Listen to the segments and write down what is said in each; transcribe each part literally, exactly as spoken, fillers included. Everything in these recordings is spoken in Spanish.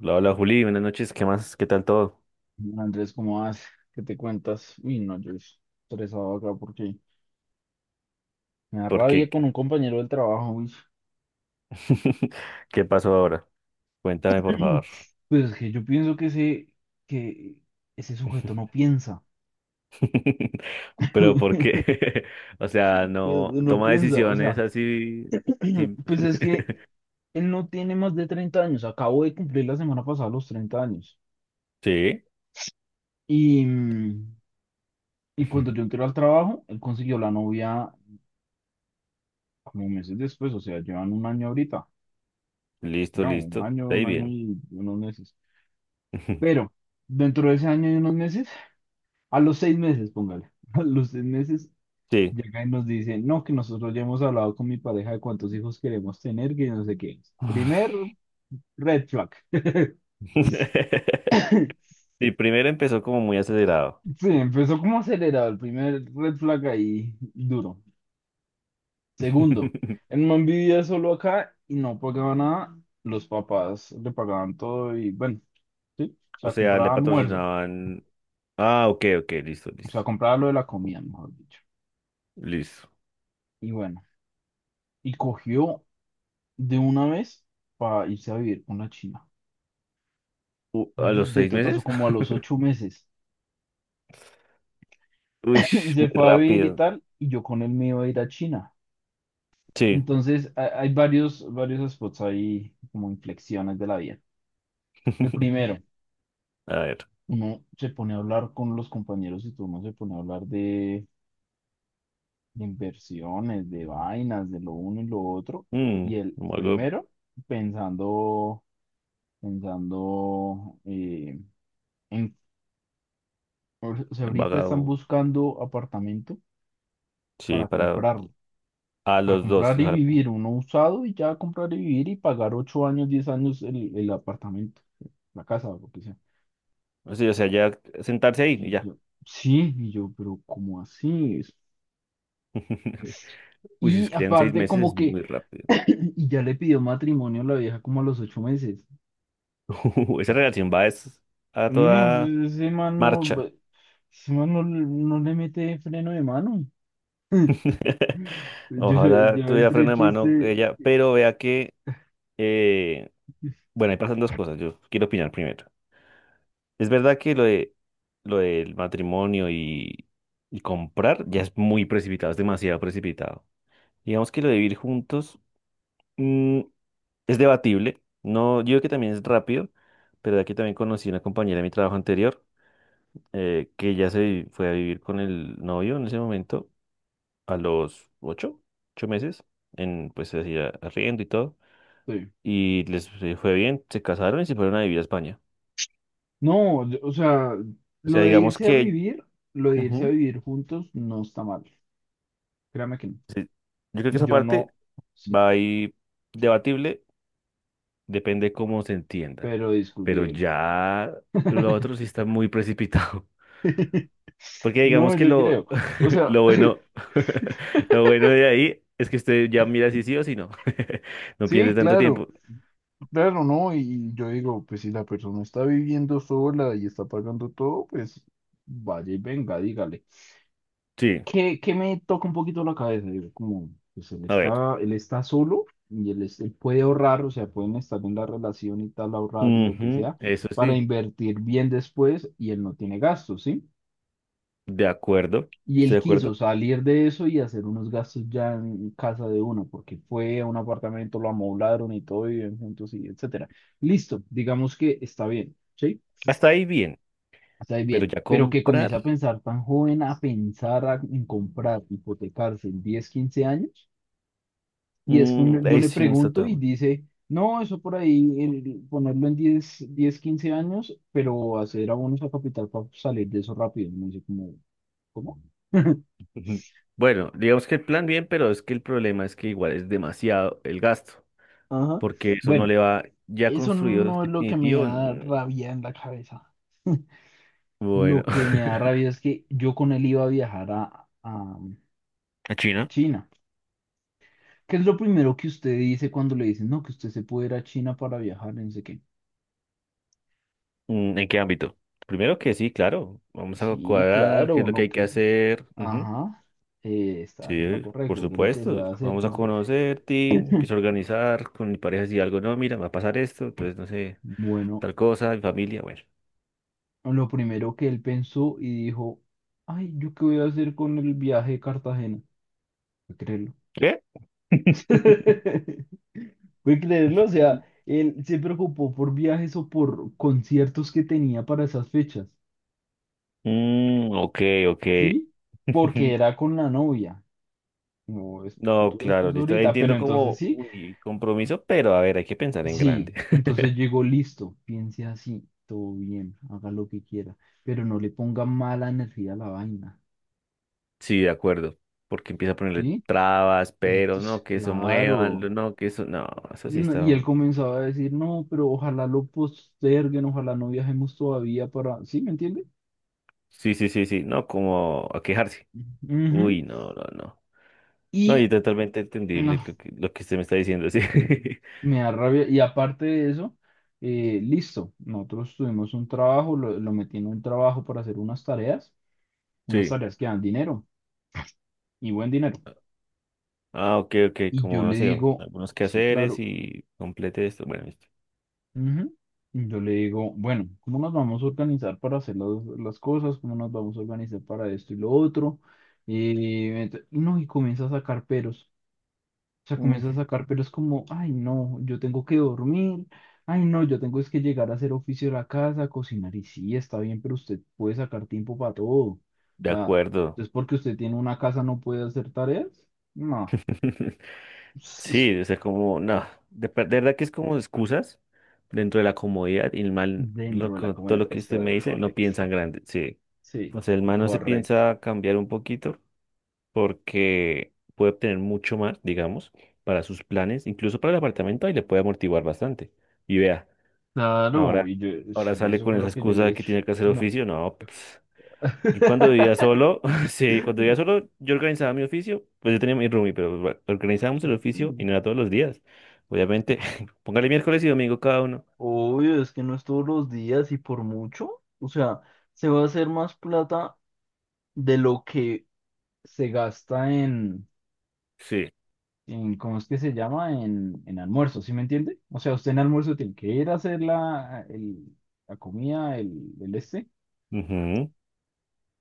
Hola, hola Juli, buenas noches, ¿qué más? ¿Qué tal todo? Andrés, ¿cómo vas? ¿Qué te cuentas? Uy, no, yo estresado acá porque me da ¿Por qué? rabia con un compañero del trabajo. Uy. ¿Qué pasó ahora? Cuéntame, por favor. Pues es que yo pienso que ese, que ese sujeto no piensa. Pero ¿por qué? O sea, no No, no toma piensa, o decisiones sea, así. sin- pues es que él no tiene más de treinta años. Acabo de cumplir la semana pasada los treinta años. Sí. Y, mm, y cuando yo entré al trabajo, él consiguió la novia como meses después, o sea, llevan un año ahorita. Listo, Ya, un listo, año, ahí un año bien. y unos meses. Pero dentro de ese año y unos meses, a los seis meses, póngale, a los seis meses, Sí. llega y nos dice, no, que nosotros ya hemos hablado con mi pareja de cuántos hijos queremos tener, que no sé qué. Primer red flag. Sí, primero empezó como muy acelerado. Sí, empezó como acelerado, el primer red flag ahí duro. Segundo, el man vivía solo acá y no pagaba nada, los papás le pagaban todo y bueno, sí, o O sea, sea, le compraba almuerzo, patrocinaban. Ah, ok, ok, listo, o sea, listo, compraba lo de la comida, mejor dicho. listo. Y bueno, y cogió de una vez para irse a vivir con la China. U- ¿A De, los de seis totazo, meses? como a los ocho meses. Uy, Y se muy fue a vivir y rápido. tal, y yo con él me iba a ir a China. Sí. Entonces, ha- hay varios, varios spots ahí, como inflexiones de la vida. El primero, A ver. uno se pone a hablar con los compañeros y todo, uno se pone a hablar de, de inversiones, de vainas, de lo uno y lo otro. Mm, Y el como algo primero, pensando, pensando, eh, en O sea, ahorita están embagado. buscando apartamento Sí, para para comprarlo, a para los dos. comprar O y sea, vivir, uno usado y ya comprar y vivir y pagar ocho años, diez años el, el apartamento, la casa o lo que sea. sí, o sea, ya sentarse ahí y Y ya. yo, sí, y yo, pero ¿cómo así es? Uy, si Y escriben seis aparte meses como es que, muy rápido. y ya le pidió matrimonio a la vieja como a los ocho meses. Esa relación va es a No, toda ese ese man no, marcha. ese man no, no le mete freno de mano. Yo, Ojalá yo tuviera entre freno el de mano chiste. ella, pero vea que, eh, bueno, ahí pasan dos cosas. Yo quiero opinar primero. Es verdad que lo de lo del matrimonio y, y comprar ya es muy precipitado, es demasiado precipitado. Digamos que lo de vivir juntos mm, es debatible. No, yo creo que también es rápido, pero de aquí también conocí una compañera de mi trabajo anterior eh, que ya se vi- fue a vivir con el novio en ese momento a los ocho, ocho meses, en pues así a- arriendo y todo, Sí. y les eh, fue bien, se casaron y se fueron a vivir a España. No, yo- o sea, O lo sea, de digamos irse a que vivir, lo de irse a ujú, vivir juntos no está mal. Créame que no. sí, yo creo que Y esa yo parte. no, sí, Va ahí debatible, depende cómo se entienda. pero Pero discutible. ya lo otro sí está muy precipitado. Porque No, digamos que yo lo, creo. O sea, lo bueno, lo bueno de ahí es que usted ya mira si sí o si no. No pierde sí, tanto claro, tiempo. claro, ¿no? Y yo digo, pues si la persona está viviendo sola y está pagando todo, pues vaya y venga, dígale. Sí, que, que me toca un poquito la cabeza, digo, como, pues él a ver. está, él está solo y él, es- él puede ahorrar, o sea, pueden estar en la relación y tal, ahorrar y lo que Ujú, sea, eso para sí, invertir bien después y él no tiene gastos, ¿sí? de acuerdo. Y Estoy él de quiso acuerdo. salir de eso y hacer unos gastos ya en casa de uno, porque fue a un apartamento, lo amoblaron y todo, viven juntos y etcétera. Listo, digamos que está bien, ¿sí? Hasta ahí bien, Está pero bien, ya pero que comprar, comience a pensar tan joven, a pensar a- en comprar, hipotecarse en diez quince años, y es que uno, mm, yo ahí le sí no está pregunto y tan. dice, no, eso por ahí, el- ponerlo en diez diez quince años, pero hacer abonos a capital para salir de eso rápido. No sé cómo, ¿cómo? Bueno, digamos que el plan bien, pero es que el problema es que igual es demasiado el gasto. Ajá. Porque eso no Bueno, le va ya eso construido no este es lo que me definitivo. da Mm. rabia en la cabeza. Bueno. Lo que me da rabia es que yo con él iba a viajar a, a ¿A a China? China. ¿Qué es lo primero que usted dice cuando le dicen, no, que usted se puede ir a China para viajar? No sé qué. Mm, ¿en qué ámbito? Primero que sí, claro, vamos a Sí, cuadrar qué claro, es lo que no, hay que que... hacer. Ujú. Ajá, eh, está haciendo lo Sí, por correcto, que es lo que se supuesto, va a hacer, vamos que a no sé qué. conocerte, empiezo a organizar con mi pareja si algo no, mira, me va a pasar esto, entonces no sé, Bueno, tal cosa, mi familia, bueno. lo primero que él pensó y dijo, ay, ¿yo qué voy a hacer con el viaje de Cartagena? Puede creerlo. ¿Qué? Puede creerlo, o sea, él se preocupó por viajes o por conciertos que tenía para esas fechas, Mm, ok, ok. ¿sí? Porque era con la novia. No, es No, futuro es claro, pues listo. ahorita, pero Entiendo entonces como, sí, uy, compromiso, pero a ver, hay que pensar en sí, grande. entonces llegó listo, piense así, todo bien, haga lo que quiera, pero no le ponga mala energía a la vaina, Sí, de acuerdo. Porque empieza a ponerle ¿sí? trabas, pero no, Entonces, que eso muevan, claro. no, que eso, no, eso sí No, y está. él comenzaba a decir, no, pero ojalá lo posterguen, ojalá no viajemos todavía para, ¿sí? ¿Me entiende? Sí, sí, sí, sí, no, como a quejarse. Ujú. Uy, no, no, no. No, y Y totalmente entendible no, lo que, lo que usted me está diciendo, sí. me da rabia. Y aparte de eso, eh, listo, nosotros tuvimos un trabajo, lo, lo metí en un trabajo para hacer unas tareas. Unas Sí. tareas que dan dinero y buen dinero. Ah, ok, ok, Y yo como le no sé, digo, algunos sí, quehaceres claro. y complete esto. Bueno, listo. Ujú. Y yo le digo, bueno, ¿cómo nos vamos a organizar para hacer las, las cosas? ¿Cómo nos vamos a organizar para esto y lo otro? Y ent- no, y comienza a sacar peros. O sea, Mm. comienza a sacar peros como, ay, no, yo tengo que dormir. Ay, no, yo tengo es que llegar a hacer oficio de la casa, cocinar. Y sí, está bien, pero usted puede sacar tiempo para todo. O De sea, acuerdo. es porque usted tiene una casa, no puede hacer tareas. No. Sí, o sea, como, no, de, per- de verdad que es como excusas dentro de la comodidad y el mal, lo, Dentro de la co- todo comunidad, lo que usted me está dice, no correcto. piensa en grande, sí. Sí, O sea, el man no se correcto. piensa cambiar un poquito porque puede obtener mucho más, digamos, para sus planes, incluso para el apartamento, ahí le puede amortiguar bastante. Y vea, Claro, ahora, y yo, ahora sí, sale eso con fue esa lo que yo excusa le de que dije. tiene que hacer No. oficio, no, pues, yo cuando vivía solo, sí, cuando vivía solo, yo organizaba mi oficio, pues yo tenía mi roomie, pero bueno, organizábamos el oficio y Sí. no era todos los días. Obviamente, póngale miércoles y domingo cada uno. Obvio, es que no es todos los días y por mucho. O sea, se va a hacer más plata de lo que se gasta en, Sí. en ¿cómo es que se llama? En, en almuerzo, ¿sí me entiende? O sea, usted en almuerzo tiene que ir a hacer la, el- la comida, el, el este. Ujú.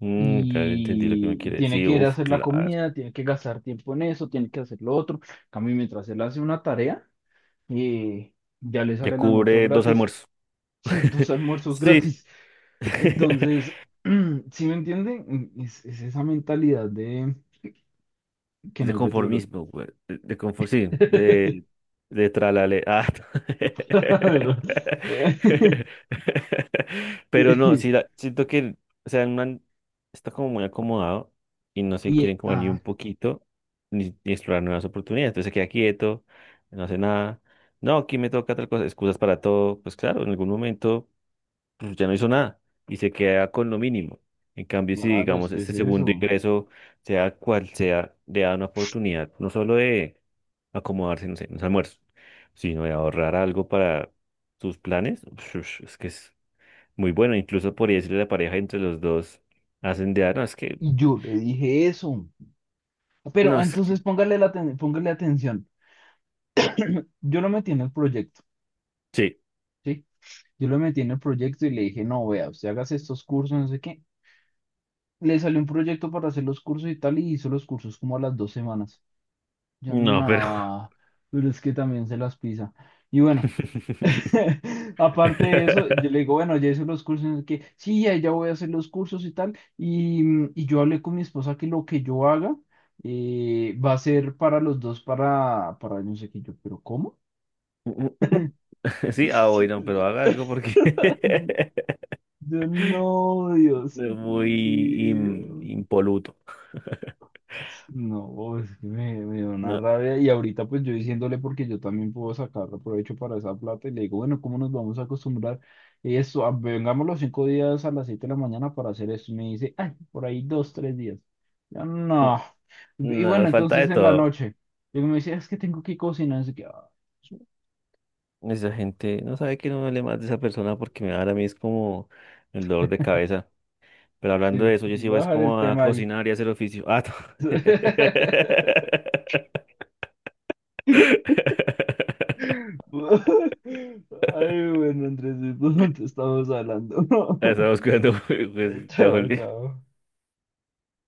Mm, claro, entendí lo que me Y quiere tiene decir. que ir a Uf, hacer la claro. comida, tiene que gastar tiempo en eso, tiene que hacer lo otro. En cambio, mientras él hace una tarea, eh, ya le Ya sale el almuerzo cubre dos gratis. almuerzos. Sí, dos almuerzos Sí. gratis. Entonces, ¿si me entienden? Es, es esa mentalidad de que De no es de tiburón. conformismo, güey. De, de confor- Sí, de, de tralale. Ah. Claro. Eh, Pero no, Sí. sí, la- siento que, o sea, el man está como muy acomodado y no se Y, quieren como ni ah, un poquito ni, ni explorar nuevas oportunidades. Entonces se queda quieto, no hace nada. No, aquí me toca tal cosa, excusas para todo. Pues claro, en algún momento pues ya no hizo nada y se queda con lo mínimo. En cambio, si claro, es digamos que es este segundo eso. ingreso, sea cual sea, le da una oportunidad no solo de acomodarse, no sé, en los almuerzos, sino de ahorrar algo para sus planes, es que es muy bueno. Incluso por decirle a la pareja entre los dos, hacen de, "Ah, no, es que, Y yo le dije eso. Pero no, es que, entonces póngale, la aten- póngale atención. Yo lo metí en el proyecto. sí, Sí, yo lo metí en el proyecto y le dije, no, vea, usted hagas estos cursos, no sé qué. Le salió un proyecto para hacer los cursos y tal, y hizo los cursos como a las dos semanas. Yo, no, pero... no, pero es que también se las pisa. Y bueno, aparte de eso, yo le digo, bueno, ya hice los cursos, no sé qué. Sí, ya, ya voy a hacer los cursos y tal. Y, mm, y yo hablé con mi esposa que lo que yo haga eh, va a ser para los dos, para, para, no sé qué. Yo, pero ¿cómo? Sí, ah, bueno, pero haga algo porque Yo, no, Dios es muy im- mío. impoluto. No, oh, es que me, me dio una No. rabia. Y ahorita pues yo diciéndole porque yo también puedo sacar provecho para esa plata y le digo, bueno, ¿cómo nos vamos a acostumbrar? Y eso, ah, vengamos los cinco días a las siete de la mañana para hacer esto. Y me dice, ay, por ahí dos, tres días. Yo, Mm. no. Y No, bueno, falta de entonces en la todo. noche, y me dice, "Ah, es que tengo que cocinar. Así que, ah, Esa gente no sabe que no hable más de esa persona porque me da ahora a mí es como el dolor de cabeza. Pero hablando sí, de eso, yo sí voy voy a es dejar el como a tema ahí. cocinar y hacer oficio. Ah, no. Ay, bueno, Andresito, ¿dónde estamos hablando? Estamos cuidando, pues, ya, Chao, Juli. chao.